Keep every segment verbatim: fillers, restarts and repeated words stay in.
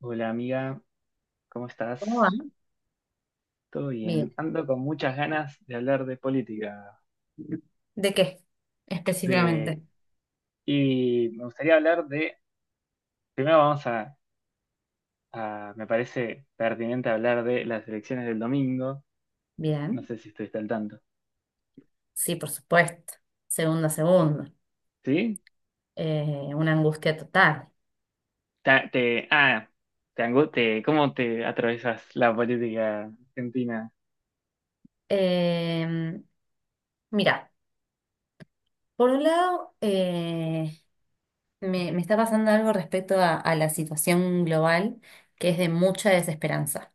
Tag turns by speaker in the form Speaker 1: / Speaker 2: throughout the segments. Speaker 1: Hola amiga, ¿cómo estás?
Speaker 2: ¿Cómo va?
Speaker 1: ¿Todo bien?
Speaker 2: Bien.
Speaker 1: Ando con muchas ganas de hablar de política,
Speaker 2: ¿De qué específicamente?
Speaker 1: de... y me gustaría hablar de. Primero vamos a, a- Me parece pertinente hablar de las elecciones del domingo. No
Speaker 2: Bien.
Speaker 1: sé si estuviste al tanto.
Speaker 2: Sí, por supuesto. Segundo a segundo.
Speaker 1: ¿Sí?
Speaker 2: Eh, una angustia total.
Speaker 1: Ta- te... Ah, te angu- te- ¿Cómo te atravesas la política argentina?
Speaker 2: Eh, Mira, por un lado, eh, me, me está pasando algo respecto a, a la situación global que es de mucha desesperanza.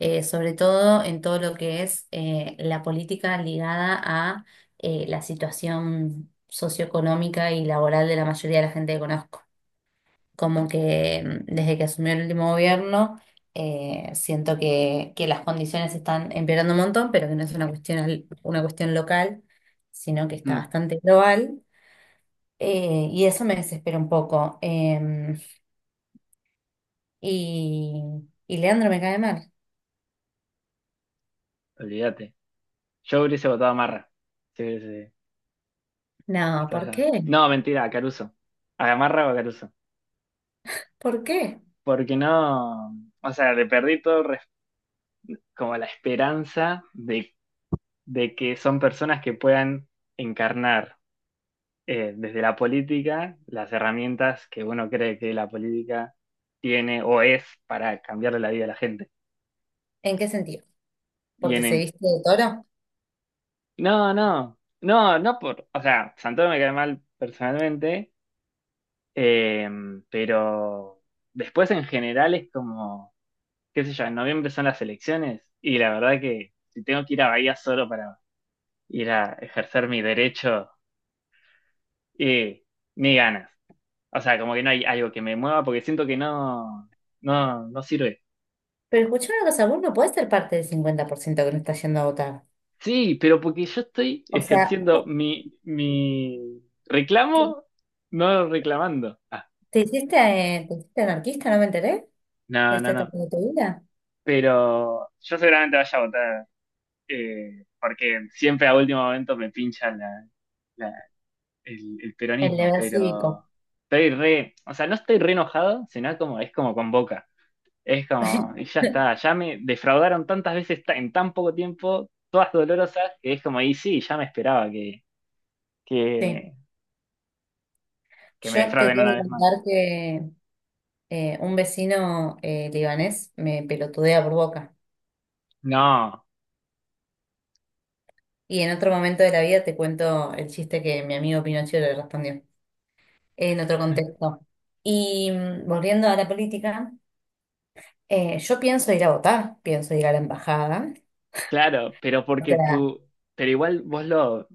Speaker 2: Eh, sobre todo en todo lo que es eh, la política ligada a eh, la situación socioeconómica y laboral de la mayoría de la gente que conozco. Como que mm, desde que asumió el último gobierno, eh, siento que, que las condiciones están empeorando un montón, pero que no es una cuestión, al- una cuestión local, sino que está
Speaker 1: Mm,
Speaker 2: bastante global. Eh, y eso me desespera un poco. Em, y, y Leandro me cae mal.
Speaker 1: Olvídate. Yo hubiese votado a Marra. Sí, sí,
Speaker 2: No,
Speaker 1: estás
Speaker 2: ¿por
Speaker 1: allá.
Speaker 2: qué?
Speaker 1: No, mentira, a Caruso. ¿A Marra o a Caruso?
Speaker 2: ¿Por qué?
Speaker 1: Porque no, o sea, le perdí todo res- como la esperanza de, de que son personas que puedan encarnar, eh, desde la política, las herramientas que uno cree que la política tiene o es para cambiarle la vida a la gente.
Speaker 2: ¿En qué sentido?
Speaker 1: Y
Speaker 2: ¿Porque
Speaker 1: en,
Speaker 2: se
Speaker 1: en-
Speaker 2: viste de toro?
Speaker 1: no, no, no, no por, o sea, Santoro me cae mal personalmente, eh, pero después en general es como, qué sé yo, en noviembre son las elecciones y la verdad que si tengo que ir a Bahía solo para ir a ejercer mi derecho y mis ganas. O sea, como que no hay algo que me mueva porque siento que no, no, no sirve.
Speaker 2: Pero escuchá una cosa, vos no podés ser parte del cincuenta por ciento que no está yendo a votar.
Speaker 1: Sí, pero porque yo estoy
Speaker 2: O sea,
Speaker 1: ejerciendo
Speaker 2: ju-
Speaker 1: mi, mi
Speaker 2: ¿te
Speaker 1: reclamo, no reclamando. Ah,
Speaker 2: te hiciste, eh, te hiciste anarquista? ¿No me enteré? ¿De
Speaker 1: no,
Speaker 2: esta
Speaker 1: no, no.
Speaker 2: etapa de tu vida?
Speaker 1: Pero yo seguramente vaya a votar, eh, porque siempre a último momento me pincha la, la- el, el
Speaker 2: El
Speaker 1: peronismo,
Speaker 2: deber cívico.
Speaker 1: pero estoy re, o sea, no estoy re enojado, sino como es como con Boca. Es como, y ya está, ya me defraudaron tantas veces ta- en tan poco tiempo, todas dolorosas, que es como, y sí, ya me esperaba que,
Speaker 2: Sí.
Speaker 1: que, que, me
Speaker 2: Yo te
Speaker 1: defrauden
Speaker 2: tengo
Speaker 1: una
Speaker 2: que
Speaker 1: vez más.
Speaker 2: contar que eh, un vecino eh, libanés me pelotudea por boca.
Speaker 1: No,
Speaker 2: Y en otro momento de la vida te cuento el chiste que mi amigo Pinocho le respondió, en otro contexto. Y mm, volviendo a la política, eh, yo pienso ir a votar, pienso ir a la embajada.
Speaker 1: claro, pero
Speaker 2: O
Speaker 1: porque
Speaker 2: sea,
Speaker 1: tú, pero igual vos lo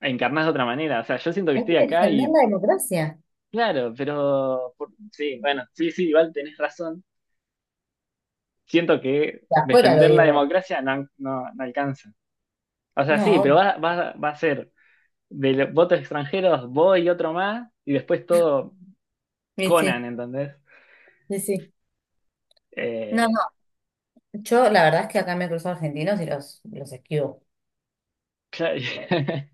Speaker 1: encarnás de otra manera, o sea, yo siento que
Speaker 2: hay
Speaker 1: estoy
Speaker 2: que
Speaker 1: acá
Speaker 2: defender
Speaker 1: y,
Speaker 2: la democracia.
Speaker 1: claro, pero, por- sí, bueno, sí, sí, igual tenés razón. Siento que
Speaker 2: De afuera lo
Speaker 1: defender la
Speaker 2: digo.
Speaker 1: democracia no, no, no alcanza. O sea, sí,
Speaker 2: No,
Speaker 1: pero
Speaker 2: obvio.
Speaker 1: va, va, va a ser de los votos extranjeros, vos y otro más, y después todo
Speaker 2: Sí,
Speaker 1: Conan,
Speaker 2: sí,
Speaker 1: ¿entendés?
Speaker 2: sí, sí. No,
Speaker 1: Eh,
Speaker 2: yo, la verdad es que acá me cruzo argentinos y los, los esquivo.
Speaker 1: claro,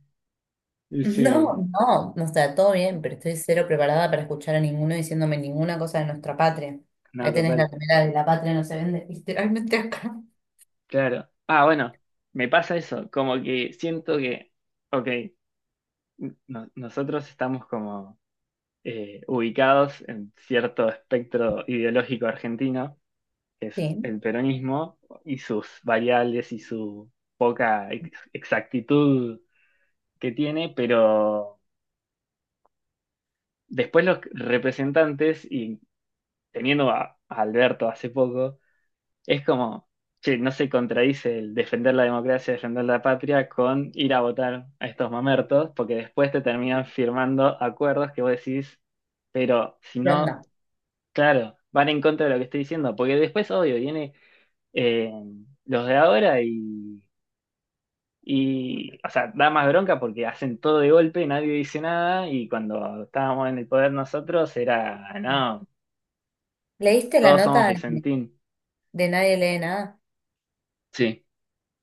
Speaker 1: y sí,
Speaker 2: No. No, no está todo bien, pero estoy cero preparada para escuchar a ninguno diciéndome ninguna cosa de nuestra patria.
Speaker 1: no,
Speaker 2: Ahí tenés la
Speaker 1: total,
Speaker 2: primera de la patria no se vende, literalmente acá.
Speaker 1: claro. Ah, bueno, me pasa eso, como que siento que, ok, no- nosotros estamos como, eh, ubicados en cierto espectro ideológico argentino, que es
Speaker 2: Sí,
Speaker 1: el peronismo, y sus variables y su poca ex- exactitud que tiene, pero después los representantes, y teniendo a a Alberto hace poco. Es como, che, no se contradice el defender la democracia, defender la patria con ir a votar a estos mamertos, porque después te terminan firmando acuerdos que vos decís, pero si
Speaker 2: ¿qué
Speaker 1: no,
Speaker 2: onda?
Speaker 1: claro, van en contra de lo que estoy diciendo, porque después, obvio, viene, eh, los de ahora y, y, o sea, da más bronca porque hacen todo de golpe, nadie dice nada, y cuando estábamos en el poder nosotros era, no,
Speaker 2: ¿Leíste la
Speaker 1: todos somos
Speaker 2: nota de,
Speaker 1: Vicentín.
Speaker 2: de Nadie lee nada?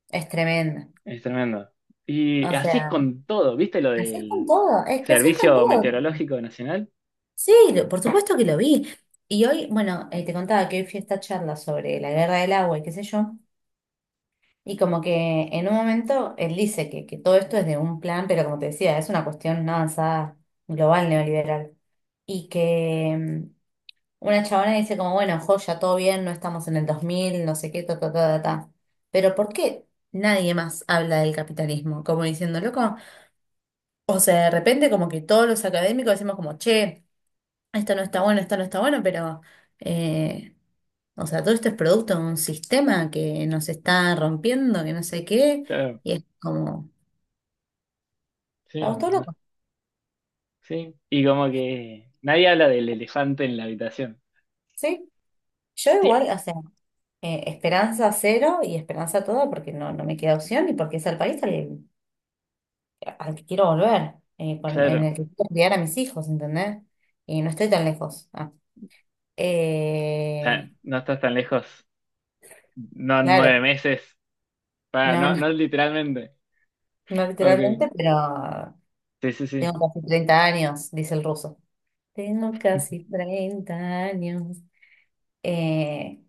Speaker 2: Es tremenda.
Speaker 1: Es tremendo. Y
Speaker 2: O
Speaker 1: así es
Speaker 2: sea,
Speaker 1: con todo, ¿viste lo
Speaker 2: así es con
Speaker 1: del
Speaker 2: todo, es que así es con
Speaker 1: Servicio
Speaker 2: todo.
Speaker 1: Meteorológico Nacional?
Speaker 2: Sí, lo- por supuesto que lo vi. Y hoy, bueno, eh, te contaba que hoy fui a esta charla sobre la guerra del agua y qué sé yo. Y como que en un momento él dice que, que todo esto es de un plan, pero como te decía, es una cuestión una avanzada global neoliberal. Y que mm, una chabona dice como, bueno, joya, todo bien, no estamos en el dos mil, no sé qué, ta, ta, ta, ta, ta". Pero ¿por qué nadie más habla del capitalismo? Como diciendo, loco, o sea, de repente como que todos los académicos decimos como, che, esto no está bueno, esto no está bueno, pero... eh, o sea, todo esto es producto de un sistema que nos está rompiendo, que no sé qué,
Speaker 1: Claro,
Speaker 2: y es como, estamos
Speaker 1: sí,
Speaker 2: todos
Speaker 1: no-
Speaker 2: locos,
Speaker 1: sí. Y como que nadie habla del elefante en la habitación.
Speaker 2: ¿sí? Yo
Speaker 1: Sí,
Speaker 2: igual, o sea, eh, esperanza cero y esperanza toda porque no, no me queda opción y porque es el país al, al que quiero volver, eh, con- en el
Speaker 1: claro.
Speaker 2: que quiero criar a mis hijos, ¿entendés? Y no estoy tan lejos. Ah,
Speaker 1: O sea,
Speaker 2: eh,
Speaker 1: no estás tan lejos. No en nueve
Speaker 2: claro,
Speaker 1: meses. Pa,
Speaker 2: no,
Speaker 1: no,
Speaker 2: no,
Speaker 1: no literalmente.
Speaker 2: no
Speaker 1: Ok.
Speaker 2: literalmente, pero
Speaker 1: Sí, sí, sí.
Speaker 2: tengo casi treinta años, dice el ruso. Tengo casi treinta años. Eh,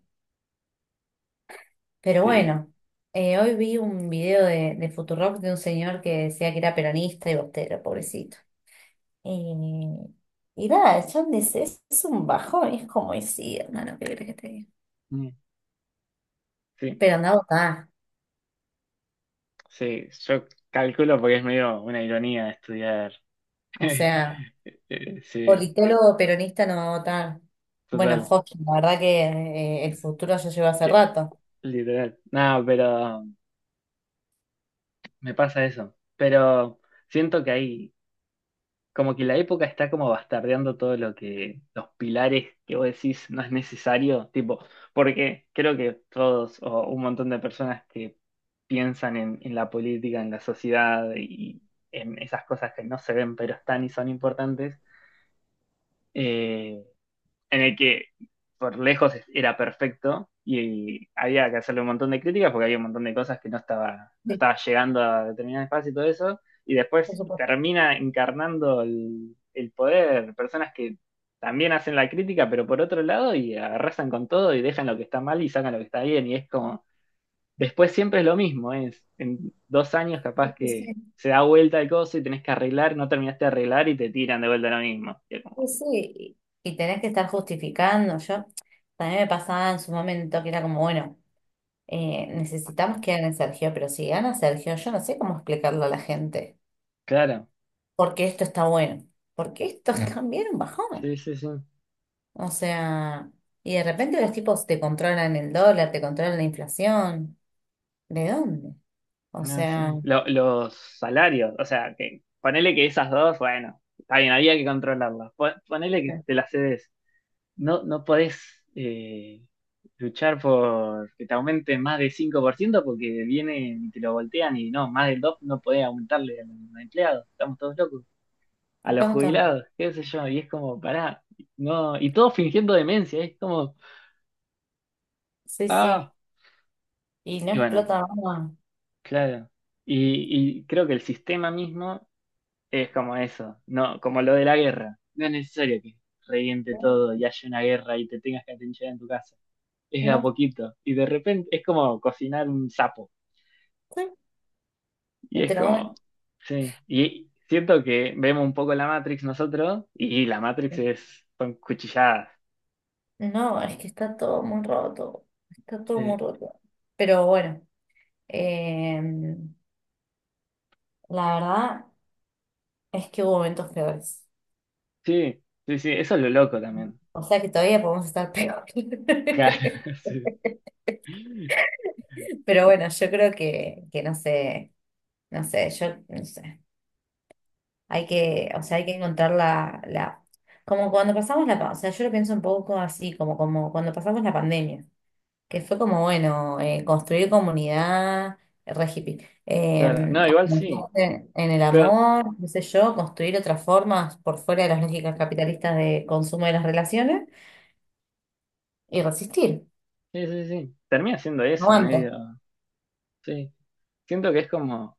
Speaker 2: Pero
Speaker 1: Sí.
Speaker 2: bueno, eh, hoy vi un video de, de Futurock de un señor que decía que era peronista y bostero, pobrecito. Eh, y nada, yo es, es es un bajón, es como decía, hermano, ¿qué crees que te diga?
Speaker 1: Mm, sí,
Speaker 2: Pero anda a votar,
Speaker 1: sí. Yo calculo porque es medio una ironía estudiar.
Speaker 2: o sea,
Speaker 1: Eh, Sí,
Speaker 2: politólogo peronista no va a votar. Bueno,
Speaker 1: total.
Speaker 2: Joaquín, la verdad que eh, el futuro ya lleva hace
Speaker 1: Que
Speaker 2: rato.
Speaker 1: literal. No, pero me pasa eso. Pero siento que ahí, como que la época está como bastardeando todo lo que, los pilares que vos decís no es necesario, tipo, porque creo que todos o un montón de personas que piensan en, en la política, en la sociedad y en esas cosas que no se ven pero están y son importantes, eh, en el que por lejos era perfecto y había que hacerle un montón de críticas porque había un montón de cosas que no estaba, no
Speaker 2: Sí,
Speaker 1: estaba llegando a determinado espacio y todo eso, y
Speaker 2: por
Speaker 1: después
Speaker 2: supuesto.
Speaker 1: termina encarnando el, el poder, personas que también hacen la crítica, pero por otro lado, y arrasan con todo y dejan lo que está mal y sacan lo que está bien, y es como, después siempre es lo mismo, ¿eh? Es en dos años
Speaker 2: Sí,
Speaker 1: capaz
Speaker 2: sí,
Speaker 1: que
Speaker 2: sí,
Speaker 1: se da vuelta el coso y tenés que arreglar, no terminaste de arreglar y te tiran de vuelta lo mismo. Y es
Speaker 2: sí,
Speaker 1: como,
Speaker 2: sí. Y y tenés que estar justificando. Yo también me pasaba en su momento que era como, bueno. Eh, necesitamos que gane Sergio, pero si gana Sergio, yo no sé cómo explicarlo a la gente.
Speaker 1: claro,
Speaker 2: Porque esto está bueno. Porque esto es también un bajón.
Speaker 1: sí, sí, sí.
Speaker 2: O sea, y de repente los tipos te controlan el dólar, te controlan la inflación. ¿De dónde? O
Speaker 1: No, sí.
Speaker 2: sea,
Speaker 1: Lo- los salarios, o sea, que ponele que esas dos, bueno, está bien, había que controlarlas. Po- Ponele que te las cedes. No, no podés, eh, luchar por que te aumenten más del cinco por ciento porque vienen y te lo voltean y no, más del dos no podés aumentarle a los empleados. Estamos todos locos. A los
Speaker 2: estamos todos-
Speaker 1: jubilados, qué sé yo. Y es como, pará, no, y todos fingiendo demencia, es como,
Speaker 2: sí, sí.
Speaker 1: ah,
Speaker 2: Y no
Speaker 1: y bueno,
Speaker 2: explota más.
Speaker 1: claro. Y, y creo que el sistema mismo es como eso, no, como lo de la guerra. No es necesario que reviente
Speaker 2: No,
Speaker 1: todo y haya una guerra y te tengas que atinchar en tu casa. Es de a
Speaker 2: no.
Speaker 1: poquito. Y de repente es como cocinar un sapo.
Speaker 2: Sí.
Speaker 1: Y
Speaker 2: Y
Speaker 1: es
Speaker 2: te lo comes.
Speaker 1: como, sí. Y siento que vemos un poco la Matrix nosotros y la Matrix es, son cuchilladas.
Speaker 2: No, es que está todo muy roto. Está todo muy
Speaker 1: Sí,
Speaker 2: roto. Pero bueno, eh, la verdad. Es que hubo momentos peores.
Speaker 1: sí, sí, sí, eso es lo loco también.
Speaker 2: O sea que todavía podemos estar peor.
Speaker 1: Claro, sí.
Speaker 2: Pero bueno, yo creo que, que no sé, no sé, yo no sé. Hay que, o sea, hay que encontrar la, la, como cuando pasamos la, pa- o sea, yo lo pienso un poco así, como, como cuando pasamos la pandemia, que fue como, bueno, eh, construir comunidad, re hippie,
Speaker 1: Claro,
Speaker 2: eh,
Speaker 1: no, igual sí.
Speaker 2: afianzarse en el
Speaker 1: Pero,
Speaker 2: amor, qué sé yo, construir otras formas por fuera de las lógicas capitalistas de consumo de las relaciones y resistir.
Speaker 1: sí, sí, sí. Termina siendo eso,
Speaker 2: Aguanta.
Speaker 1: medio. Sí. Siento que es como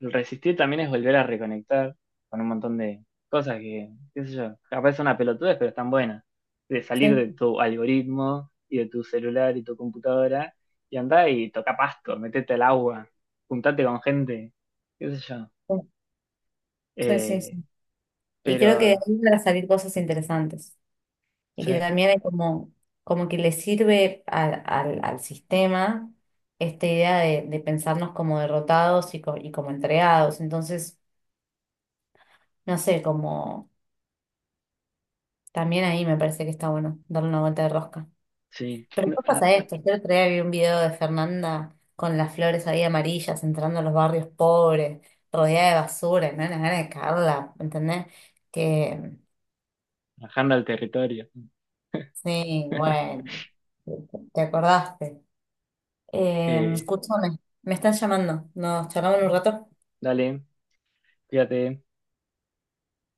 Speaker 1: el resistir también es volver a reconectar con un montón de cosas que, qué sé yo, capaz son una pelotudez, pero están buenas. De salir
Speaker 2: Sí,
Speaker 1: de tu algoritmo y de tu celular y tu computadora y andá y toca pasto, metete al agua, juntate con gente, qué sé yo.
Speaker 2: sí, sí,
Speaker 1: Eh,
Speaker 2: sí. Y creo que de
Speaker 1: pero,
Speaker 2: ahí van a salir cosas interesantes. Y que
Speaker 1: sí,
Speaker 2: también es como, como que le sirve al, al, al sistema esta idea de, de pensarnos como derrotados y, co- y como entregados. Entonces, no sé, como también ahí me parece que está bueno darle una vuelta de rosca.
Speaker 1: sí,
Speaker 2: Pero después pasa esto. Yo otro día vi un video de Fernanda con las flores ahí amarillas entrando a los barrios pobres, rodeada de basura, y me dan ganas de cagarla, ¿entendés? Que
Speaker 1: bajando al territorio.
Speaker 2: sí, bueno, te acordaste. Eh,
Speaker 1: Eh,
Speaker 2: escúchame, me están llamando. Nos charlamos en un rato.
Speaker 1: Dale, cuídate.